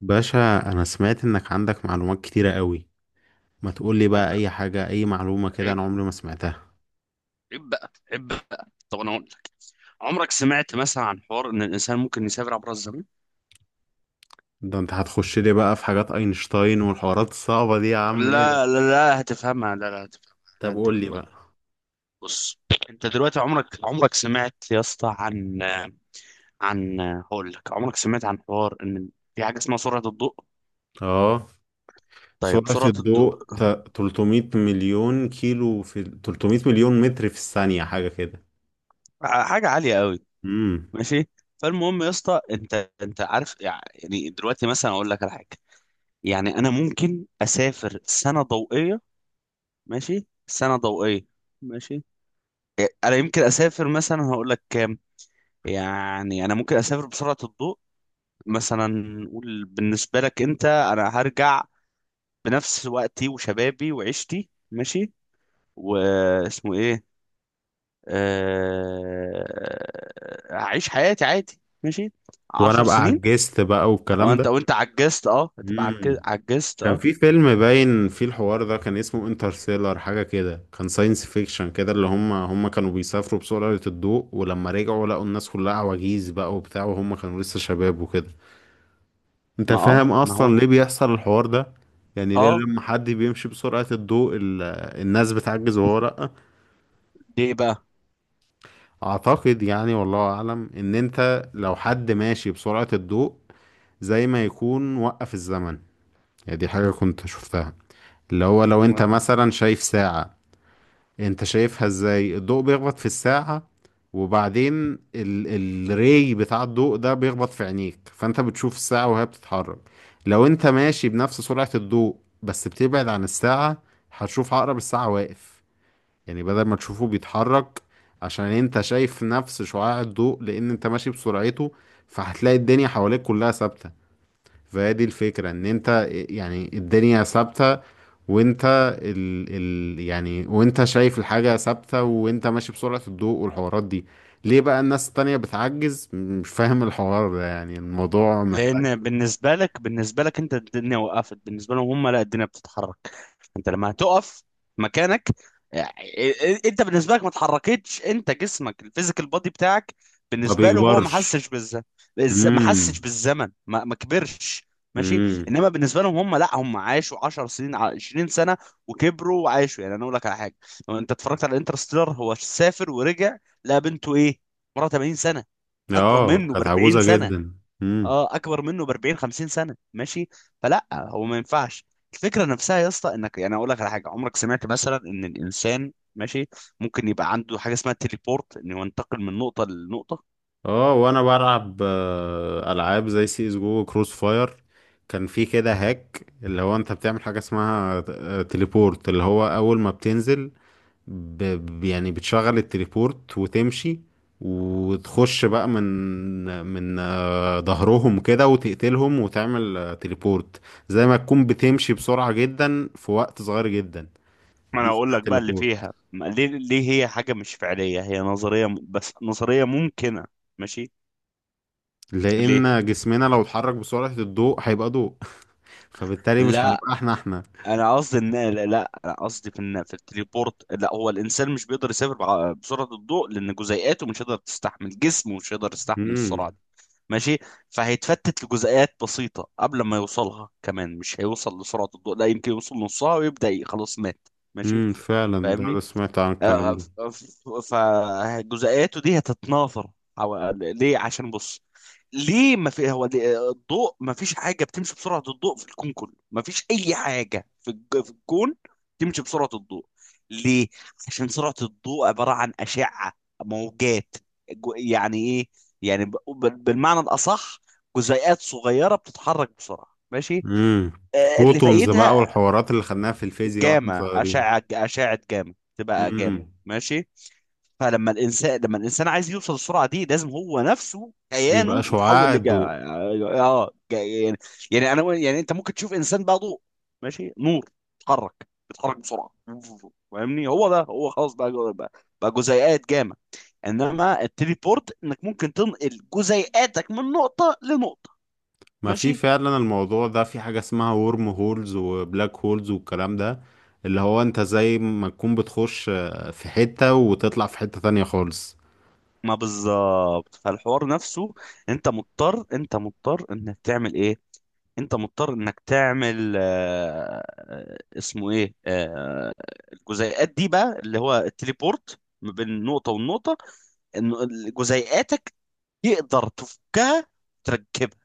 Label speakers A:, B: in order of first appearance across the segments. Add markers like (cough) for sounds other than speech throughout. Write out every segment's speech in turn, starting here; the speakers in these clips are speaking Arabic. A: باشا، انا سمعت انك عندك معلومات كتيرة قوي. ما تقولي
B: عيب
A: بقى
B: بقى،
A: اي حاجة اي معلومة كده انا
B: عيب،
A: عمري ما سمعتها.
B: عيب بقى، عيب بقى. طب انا اقول لك، عمرك سمعت مثلا عن حوار ان الانسان ممكن يسافر عبر الزمن؟
A: ده انت هتخش لي بقى في حاجات اينشتاين والحوارات الصعبة دي يا عم ايه ده؟
B: لا، لا، لا، هتفهمها، لا، لا، هتفهمها. انا
A: طب
B: هديك
A: قولي
B: وقت.
A: بقى.
B: بص، انت دلوقتي عمرك سمعت يا اسطى، عن عن هقول لك، عمرك سمعت عن حوار ان في حاجه اسمها سرعه الضوء؟
A: اه.
B: طيب،
A: سرعة
B: سرعه الضوء
A: الضوء 300 مليون كيلو في 300 مليون متر في الثانية حاجة كده.
B: حاجه عاليه قوي.
A: امم.
B: ماشي. فالمهم يا اسطى، انت عارف يعني، دلوقتي مثلا اقول لك على حاجه، يعني انا ممكن اسافر سنه ضوئيه. ماشي، سنة ضوئية. ماشي. إيه، انا يمكن اسافر مثلا، هقول لك كام، يعني انا ممكن اسافر بسرعة الضوء. مثلا نقول بالنسبة لك انت، انا هرجع بنفس وقتي وشبابي وعيشتي، ماشي، واسمه ايه. هعيش حياتي عادي، ماشي،
A: وانا
B: عشر
A: بقى
B: سنين
A: عجزت بقى والكلام ده.
B: وانت عجزت، هتبقى
A: مم.
B: عجزت،
A: كان
B: اه.
A: في فيلم باين فيه الحوار ده كان اسمه انترستيلر حاجة كده، كان ساينس فيكشن كده اللي هم كانوا بيسافروا بسرعة الضوء ولما رجعوا لقوا الناس كلها عواجيز بقى وبتاع وهم كانوا لسه شباب وكده. انت فاهم
B: ما هو.
A: اصلا ليه بيحصل الحوار ده؟ يعني ليه
B: اه،
A: لما حد بيمشي بسرعة الضوء الناس بتعجز وهو لأ؟
B: ليه بقى.
A: اعتقد يعني والله اعلم ان انت لو حد ماشي بسرعة الضوء زي ما يكون وقف الزمن. يعني دي حاجة كنت شفتها، اللي هو لو انت مثلا شايف ساعة، انت شايفها ازاي؟ الضوء بيخبط في الساعة وبعدين ال الري بتاع الضوء ده بيخبط في عينيك فانت بتشوف الساعة وهي بتتحرك. لو انت ماشي بنفس سرعة الضوء بس بتبعد عن الساعة هتشوف عقرب الساعة واقف، يعني بدل ما تشوفه بيتحرك، عشان انت شايف نفس شعاع الضوء لان انت ماشي بسرعته. فهتلاقي الدنيا حواليك كلها ثابتة. فهي دي الفكرة ان انت يعني الدنيا ثابتة، وانت ال يعني وانت شايف الحاجة ثابتة وانت ماشي بسرعة الضوء والحوارات دي. ليه بقى الناس التانية بتعجز؟ مش فاهم الحوار ده، يعني الموضوع محتاج.
B: لان بالنسبه لك انت، الدنيا وقفت. بالنسبه لهم هم، لا، الدنيا بتتحرك. انت لما هتقف مكانك، يعني، انت بالنسبه لك ما اتحركتش، انت جسمك، الفيزيكال بودي بتاعك،
A: ما
B: بالنسبه له هو، ما
A: بيكبرش.
B: حسش بالزمن. ما حسش
A: امم.
B: بالزمن، ما كبرش. ماشي.
A: امم.
B: انما بالنسبه لهم هم، لا، هم عاشوا 10 سنين، 20 سنه، وكبروا وعاشوا. يعني انا اقول لك على حاجه، لو انت اتفرجت على انترستيلر، هو سافر ورجع، لقى بنته ايه، مرة 80 سنه. اكبر
A: اه
B: منه ب
A: كانت
B: 40
A: عجوزة
B: سنه.
A: جدا. امم.
B: اه، اكبر منه ب 40 50 سنه، ماشي. فلا هو ما ينفعش. الفكره نفسها يا اسطى، انك يعني، اقول لك على حاجه، عمرك سمعت مثلا ان الانسان ماشي، ممكن يبقى عنده حاجه اسمها تليبورت، انه ينتقل من نقطه لنقطه؟
A: اه وانا بلعب العاب زي سي اس جو كروس فاير. كان في كده هاك اللي هو انت بتعمل حاجه اسمها تليبورت، اللي هو اول ما بتنزل يعني بتشغل التليبورت وتمشي وتخش بقى من من ظهرهم كده وتقتلهم وتعمل تليبورت. زي ما تكون بتمشي بسرعه جدا في وقت صغير جدا.
B: ما
A: دي
B: انا اقول
A: اسمها
B: لك بقى اللي
A: تليبورت.
B: فيها، ليه هي حاجه مش فعليه، هي نظريه، بس نظريه ممكنه. ماشي. ليه؟
A: لان جسمنا لو اتحرك بسرعه الضوء هيبقى ضوء (laughs) فبالتالي مش
B: لا،
A: هنبقى احنا احنا.
B: انا قصدي ان، لا، لا، انا قصدي في، ان في التليبورت، لا، هو الانسان مش بيقدر يسافر بسرعه الضوء، لان جزيئاته مش هيقدر تستحمل، جسمه مش هيقدر يستحمل
A: امم.
B: السرعه دي. ماشي. فهيتفتت لجزيئات بسيطه قبل ما يوصلها، كمان مش هيوصل لسرعه الضوء، لا يمكن يوصل نصها ويبدا خلاص مات. ماشي.
A: فعلا ده
B: فاهمني؟
A: سمعت عن الكلام ده.
B: فجزئياته دي هتتناثر. حو- ليه؟ عشان بص، ليه ما في، هو الضوء ما فيش حاجه بتمشي بسرعه الضوء في الكون كله. ما فيش اي حاجه في في الكون تمشي بسرعه الضوء. ليه؟ عشان سرعه الضوء عباره عن اشعه، موجات، يعني ايه، يعني بالمعنى الاصح، جزيئات صغيره بتتحرك بسرعه. ماشي.
A: امم.
B: اللي
A: فوتونز بقى
B: فايدها
A: والحوارات اللي خدناها في الفيزياء واحنا
B: جاما،
A: صغيرين.
B: اشعه جاما، تبقى جاما.
A: امم.
B: ماشي. فلما الانسان لما الانسان عايز يوصل للسرعه دي، لازم هو نفسه،
A: يبقى
B: كيانه، يتحول
A: شعاع الضوء.
B: يعني، يعني انا يعني، انت ممكن تشوف انسان بقى ضوء، ماشي، نور، بيتحرك بسرعه. فاهمني؟ هو ده، هو خلاص بقى، بقى جزيئات جامع. انما التليبورت، انك ممكن تنقل جزيئاتك من نقطه لنقطه،
A: ما في
B: ماشي.
A: فعلا الموضوع ده، في حاجة اسمها ورم هولز وبلاك هولز والكلام ده. اللي هو انت زي ما تكون بتخش في حتة وتطلع في حتة تانية خالص.
B: ما بالظبط، فالحوار نفسه. انت مضطر انك تعمل ايه. انت مضطر انك تعمل، اسمه ايه، الجزيئات دي بقى، اللي هو التليبورت ما بين نقطة والنقطة، ان جزيئاتك تقدر تفكها، تركبها.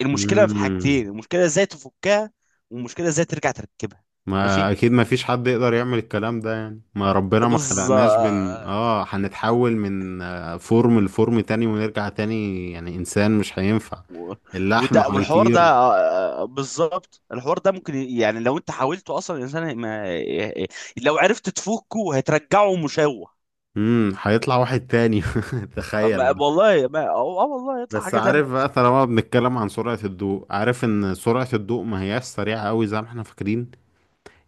B: المشكلة في
A: امم.
B: حاجتين، المشكلة ازاي تفكها، والمشكلة ازاي ترجع تركبها.
A: ما
B: ماشي،
A: اكيد ما فيش حد يقدر يعمل الكلام ده، يعني ما ربنا ما خلقناش بن
B: بالظبط.
A: اه هنتحول من فورم لفورم تاني ونرجع تاني يعني انسان مش هينفع.
B: و-
A: اللحم
B: والحوار ده،
A: هيطير.
B: بالظبط، الحوار ده ممكن يعني، لو انت حاولته اصلا، الانسان ما لو عرفت تفكه هترجعه مشوه.
A: هيطلع واحد تاني. (laughs) تخيل
B: ما
A: مثلا.
B: والله ما، والله يطلع
A: بس
B: حاجة تانية.
A: عارف بقى طالما بنتكلم عن سرعة الضوء، عارف ان سرعة الضوء ما هياش سريعة قوي زي ما احنا فاكرين؟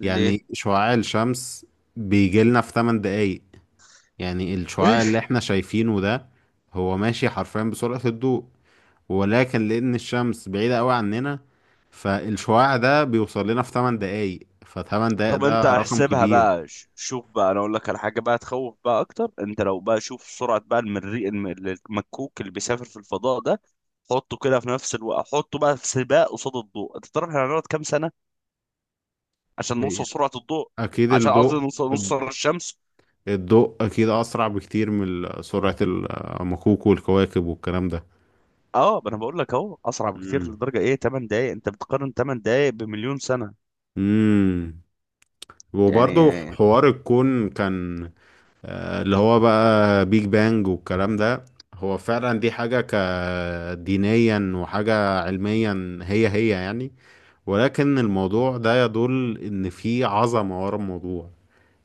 B: ليه؟
A: يعني شعاع الشمس بيجيلنا في 8 دقايق، يعني الشعاع اللي
B: ماشي.
A: احنا شايفينه ده هو ماشي حرفيا بسرعة الضوء، ولكن لأن الشمس بعيدة قوي عننا فالشعاع ده بيوصل لنا في 8 دقايق، ف8 دقايق
B: طب انت
A: ده رقم
B: احسبها
A: كبير.
B: بقى، شوف بقى، انا اقول لك على حاجة بقى تخوف بقى اكتر. انت لو بقى، شوف سرعة بقى المريء، المكوك اللي بيسافر في الفضاء ده، حطه كده في نفس الوقت، حطه بقى في سباق قصاد الضوء. انت تعرف احنا هنقعد كام سنة عشان نوصل سرعة الضوء؟
A: أكيد
B: عشان قصدي
A: الضوء
B: نوصل، الشمس.
A: الضوء أكيد أسرع بكتير من سرعة المكوك والكواكب والكلام ده.
B: اه، ما انا بقول لك اهو اسرع بكتير
A: مم.
B: لدرجة ايه؟ 8 دقايق. انت بتقارن 8 دقايق بمليون سنة.
A: امم وبرضه
B: يعني
A: حوار الكون كان اللي هو بقى بيج بانج والكلام ده. هو فعلا دي حاجة كدينيا وحاجة علميا هي هي يعني، ولكن الموضوع ده يدل ان في عظمة ورا الموضوع.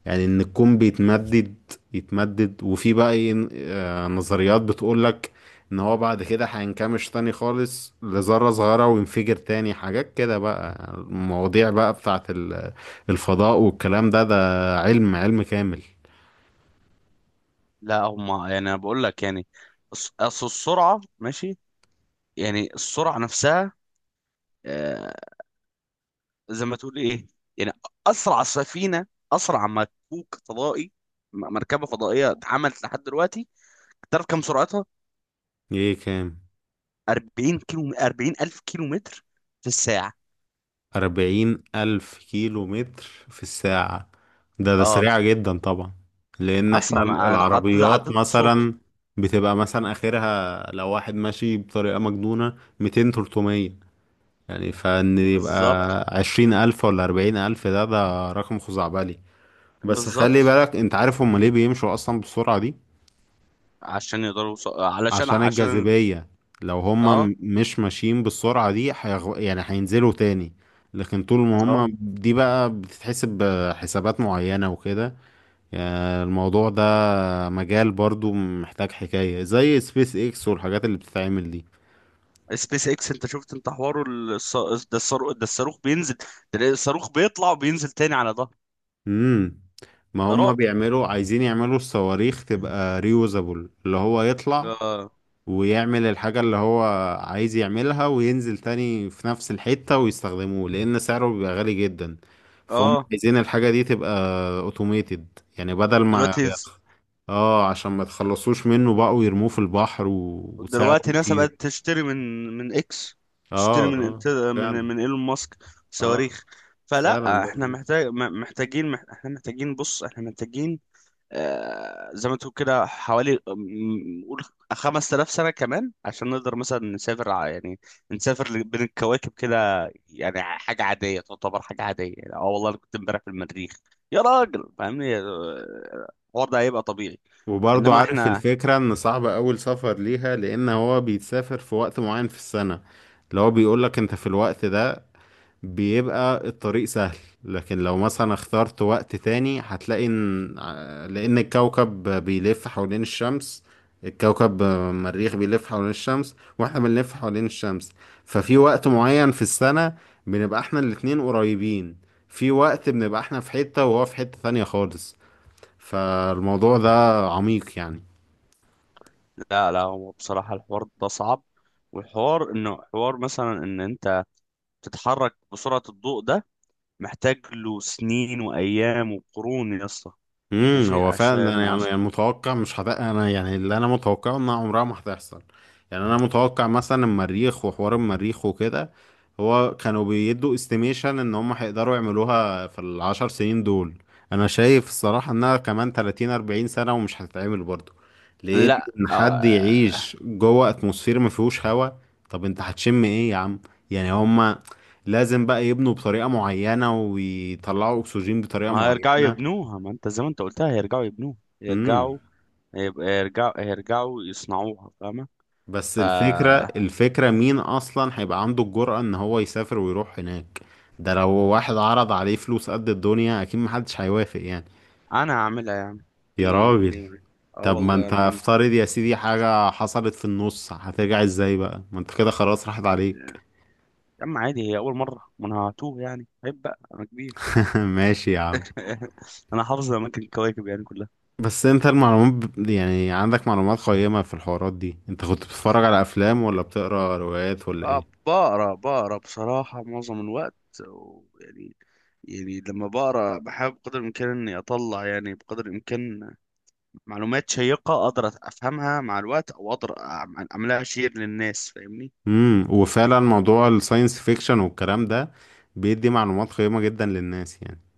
A: يعني ان الكون بيتمدد يتمدد، وفي بقى ايه نظريات بتقولك ان هو بعد كده هينكمش تاني خالص لذرة صغيرة وينفجر تاني، حاجات كده بقى المواضيع بقى بتاعت الفضاء والكلام ده. ده علم، علم كامل.
B: لا هم، يعني، انا بقول لك، يعني اصل السرعه، ماشي، يعني السرعه نفسها، آه، زي ما تقول ايه، يعني، اسرع سفينه، اسرع مكوك فضائي، مركبه فضائيه اتعملت لحد دلوقتي، تعرف كم سرعتها؟
A: ايه كام؟
B: 40 كيلو، 40 الف كيلو متر في الساعه.
A: 40,000 كيلو متر في الساعة؟ ده
B: اه،
A: سريعة جدا طبعا. لأن
B: اسرع
A: احنا
B: ما عدد
A: العربيات
B: الصوت.
A: مثلا بتبقى مثلا آخرها لو واحد ماشي بطريقة مجنونة 200 300. يعني فإن يبقى
B: بالظبط.
A: 20,000 ولا 40,000 ده رقم خزعبلي. بس خلي
B: بالظبط،
A: بالك أنت عارف هما ليه بيمشوا أصلا بالسرعة؟
B: عشان يقدروا يوص- علشان
A: عشان
B: عشان
A: الجاذبية. لو هما
B: اه،
A: مش ماشيين بالسرعة دي يعني هينزلوا تاني. لكن طول ما
B: اه،
A: هما دي بقى بتتحسب بحسابات معينة وكده، يعني الموضوع ده مجال برضو محتاج، حكاية زي سبيس اكس والحاجات اللي بتتعمل دي.
B: سبيس اكس. انت شفت انت حواره، ده الصاروخ، ده الصاروخ بينزل، تلاقي الصاروخ بيطلع وبينزل تاني على ظهره.
A: امم. ما
B: ده
A: هما
B: رعب.
A: بيعملوا عايزين يعملوا الصواريخ تبقى ريوزابل، اللي هو يطلع
B: اه،
A: ويعمل الحاجة اللي هو عايز يعملها وينزل تاني في نفس الحتة ويستخدموه لأن سعره بيبقى غالي جدا. فهم
B: اه،
A: عايزين الحاجة دي تبقى اوتوميتد يعني بدل ما
B: دلوقتي
A: اه عشان ما تخلصوش منه بقوا يرموه في البحر وسعره
B: دلوقتي ناسا بقت
A: يطير.
B: تشتري من اكس.
A: اه.
B: تشتري من
A: اه
B: انت- من
A: فعلا.
B: من ايلون ماسك
A: اه
B: صواريخ. فلا
A: فعلا ده.
B: احنا محتاجين، احنا محتاجين، بص احنا محتاجين، زي ما تقول كده، حوالي، قول 5000 سنة كمان، عشان نقدر مثلا نسافر، يعني نسافر بين الكواكب كده. يعني حاجة عادية، تعتبر حاجة عادية، يعني، اه والله أنا كنت امبارح في المريخ يا راجل. فاهمني؟ الحوار ده هيبقى طبيعي.
A: وبرضه
B: انما
A: عارف
B: احنا،
A: الفكرة ان صعب اول سفر ليها لان هو بيتسافر في وقت معين في السنة، اللي هو بيقولك انت في الوقت ده بيبقى الطريق سهل، لكن لو مثلا اخترت وقت تاني هتلاقي ان لان الكوكب بيلف حوالين الشمس، الكوكب المريخ بيلف حوالين الشمس واحنا بنلف حوالين الشمس، ففي وقت معين في السنة بنبقى احنا الاتنين قريبين، في وقت بنبقى احنا في حتة وهو في حتة تانية خالص. فالموضوع ده عميق يعني.
B: لا، لا، هو بصراحة الحوار ده صعب. والحوار انه حوار مثلا ان انت تتحرك بسرعة الضوء ده، محتاج له سنين وايام وقرون يا اسطى.
A: امم.
B: ماشي،
A: هو فعلا أنا
B: عشان
A: يعني
B: عشان
A: يعني متوقع مش انا يعني اللي انا متوقعه انها عمرها ما هتحصل. يعني انا متوقع مثلا المريخ وحوار المريخ وكده، هو كانوا بيدوا استيميشن ان هم هيقدروا يعملوها في العشر سنين دول، انا شايف الصراحة انها كمان 30 40 سنة ومش هتتعمل برضو. لان
B: لا،
A: ان حد
B: آه.
A: يعيش جوه اتموسفير ما فيهوش هوا، طب انت هتشم ايه يا عم؟ يعني هم لازم بقى يبنوا بطريقة معينة ويطلعوا اكسجين بطريقة
B: ما هيرجعوا
A: معينة.
B: يبنوها. ما انت زي ما انت قلتها، هيرجعوا يبنوها،
A: امم.
B: هيرجعوا، هيرجعوا يصنعوها. فاهمة؟
A: بس الفكرة،
B: فأنا
A: الفكرة مين أصلا هيبقى عنده الجرأة إن هو يسافر ويروح هناك؟ ده لو واحد عرض عليه فلوس قد الدنيا أكيد محدش هيوافق يعني.
B: هعملها يعني.
A: يا
B: ليه؟
A: راجل.
B: ليه؟ اه،
A: طب ما
B: والله
A: انت
B: انا ما عندي.
A: افترض يا سيدي حاجة حصلت في النص هترجع ازاي بقى؟ ما انت كده خلاص راحت عليك.
B: يا عم عادي، هي اول مرة، ما انا هتوه يعني، عيب بقى، انا كبير.
A: (laughs) ماشي يا عم.
B: (laughs) انا حافظ اماكن الكواكب يعني كلها.
A: بس انت المعلومات يعني عندك معلومات قيمة في الحوارات دي، انت كنت بتتفرج على افلام ولا بتقرا روايات ولا ايه؟
B: اه، بقرا، بقرا بصراحة معظم الوقت، ويعني، لما بقرا، بحاول بقدر الامكان اني اطلع يعني بقدر الامكان معلومات شيقة أقدر أفهمها مع الوقت، أو أقدر أعملها شير للناس. فاهمني؟
A: امم. وفعلا موضوع الساينس فيكشن والكلام ده بيدي معلومات قيمة جدا للناس يعني.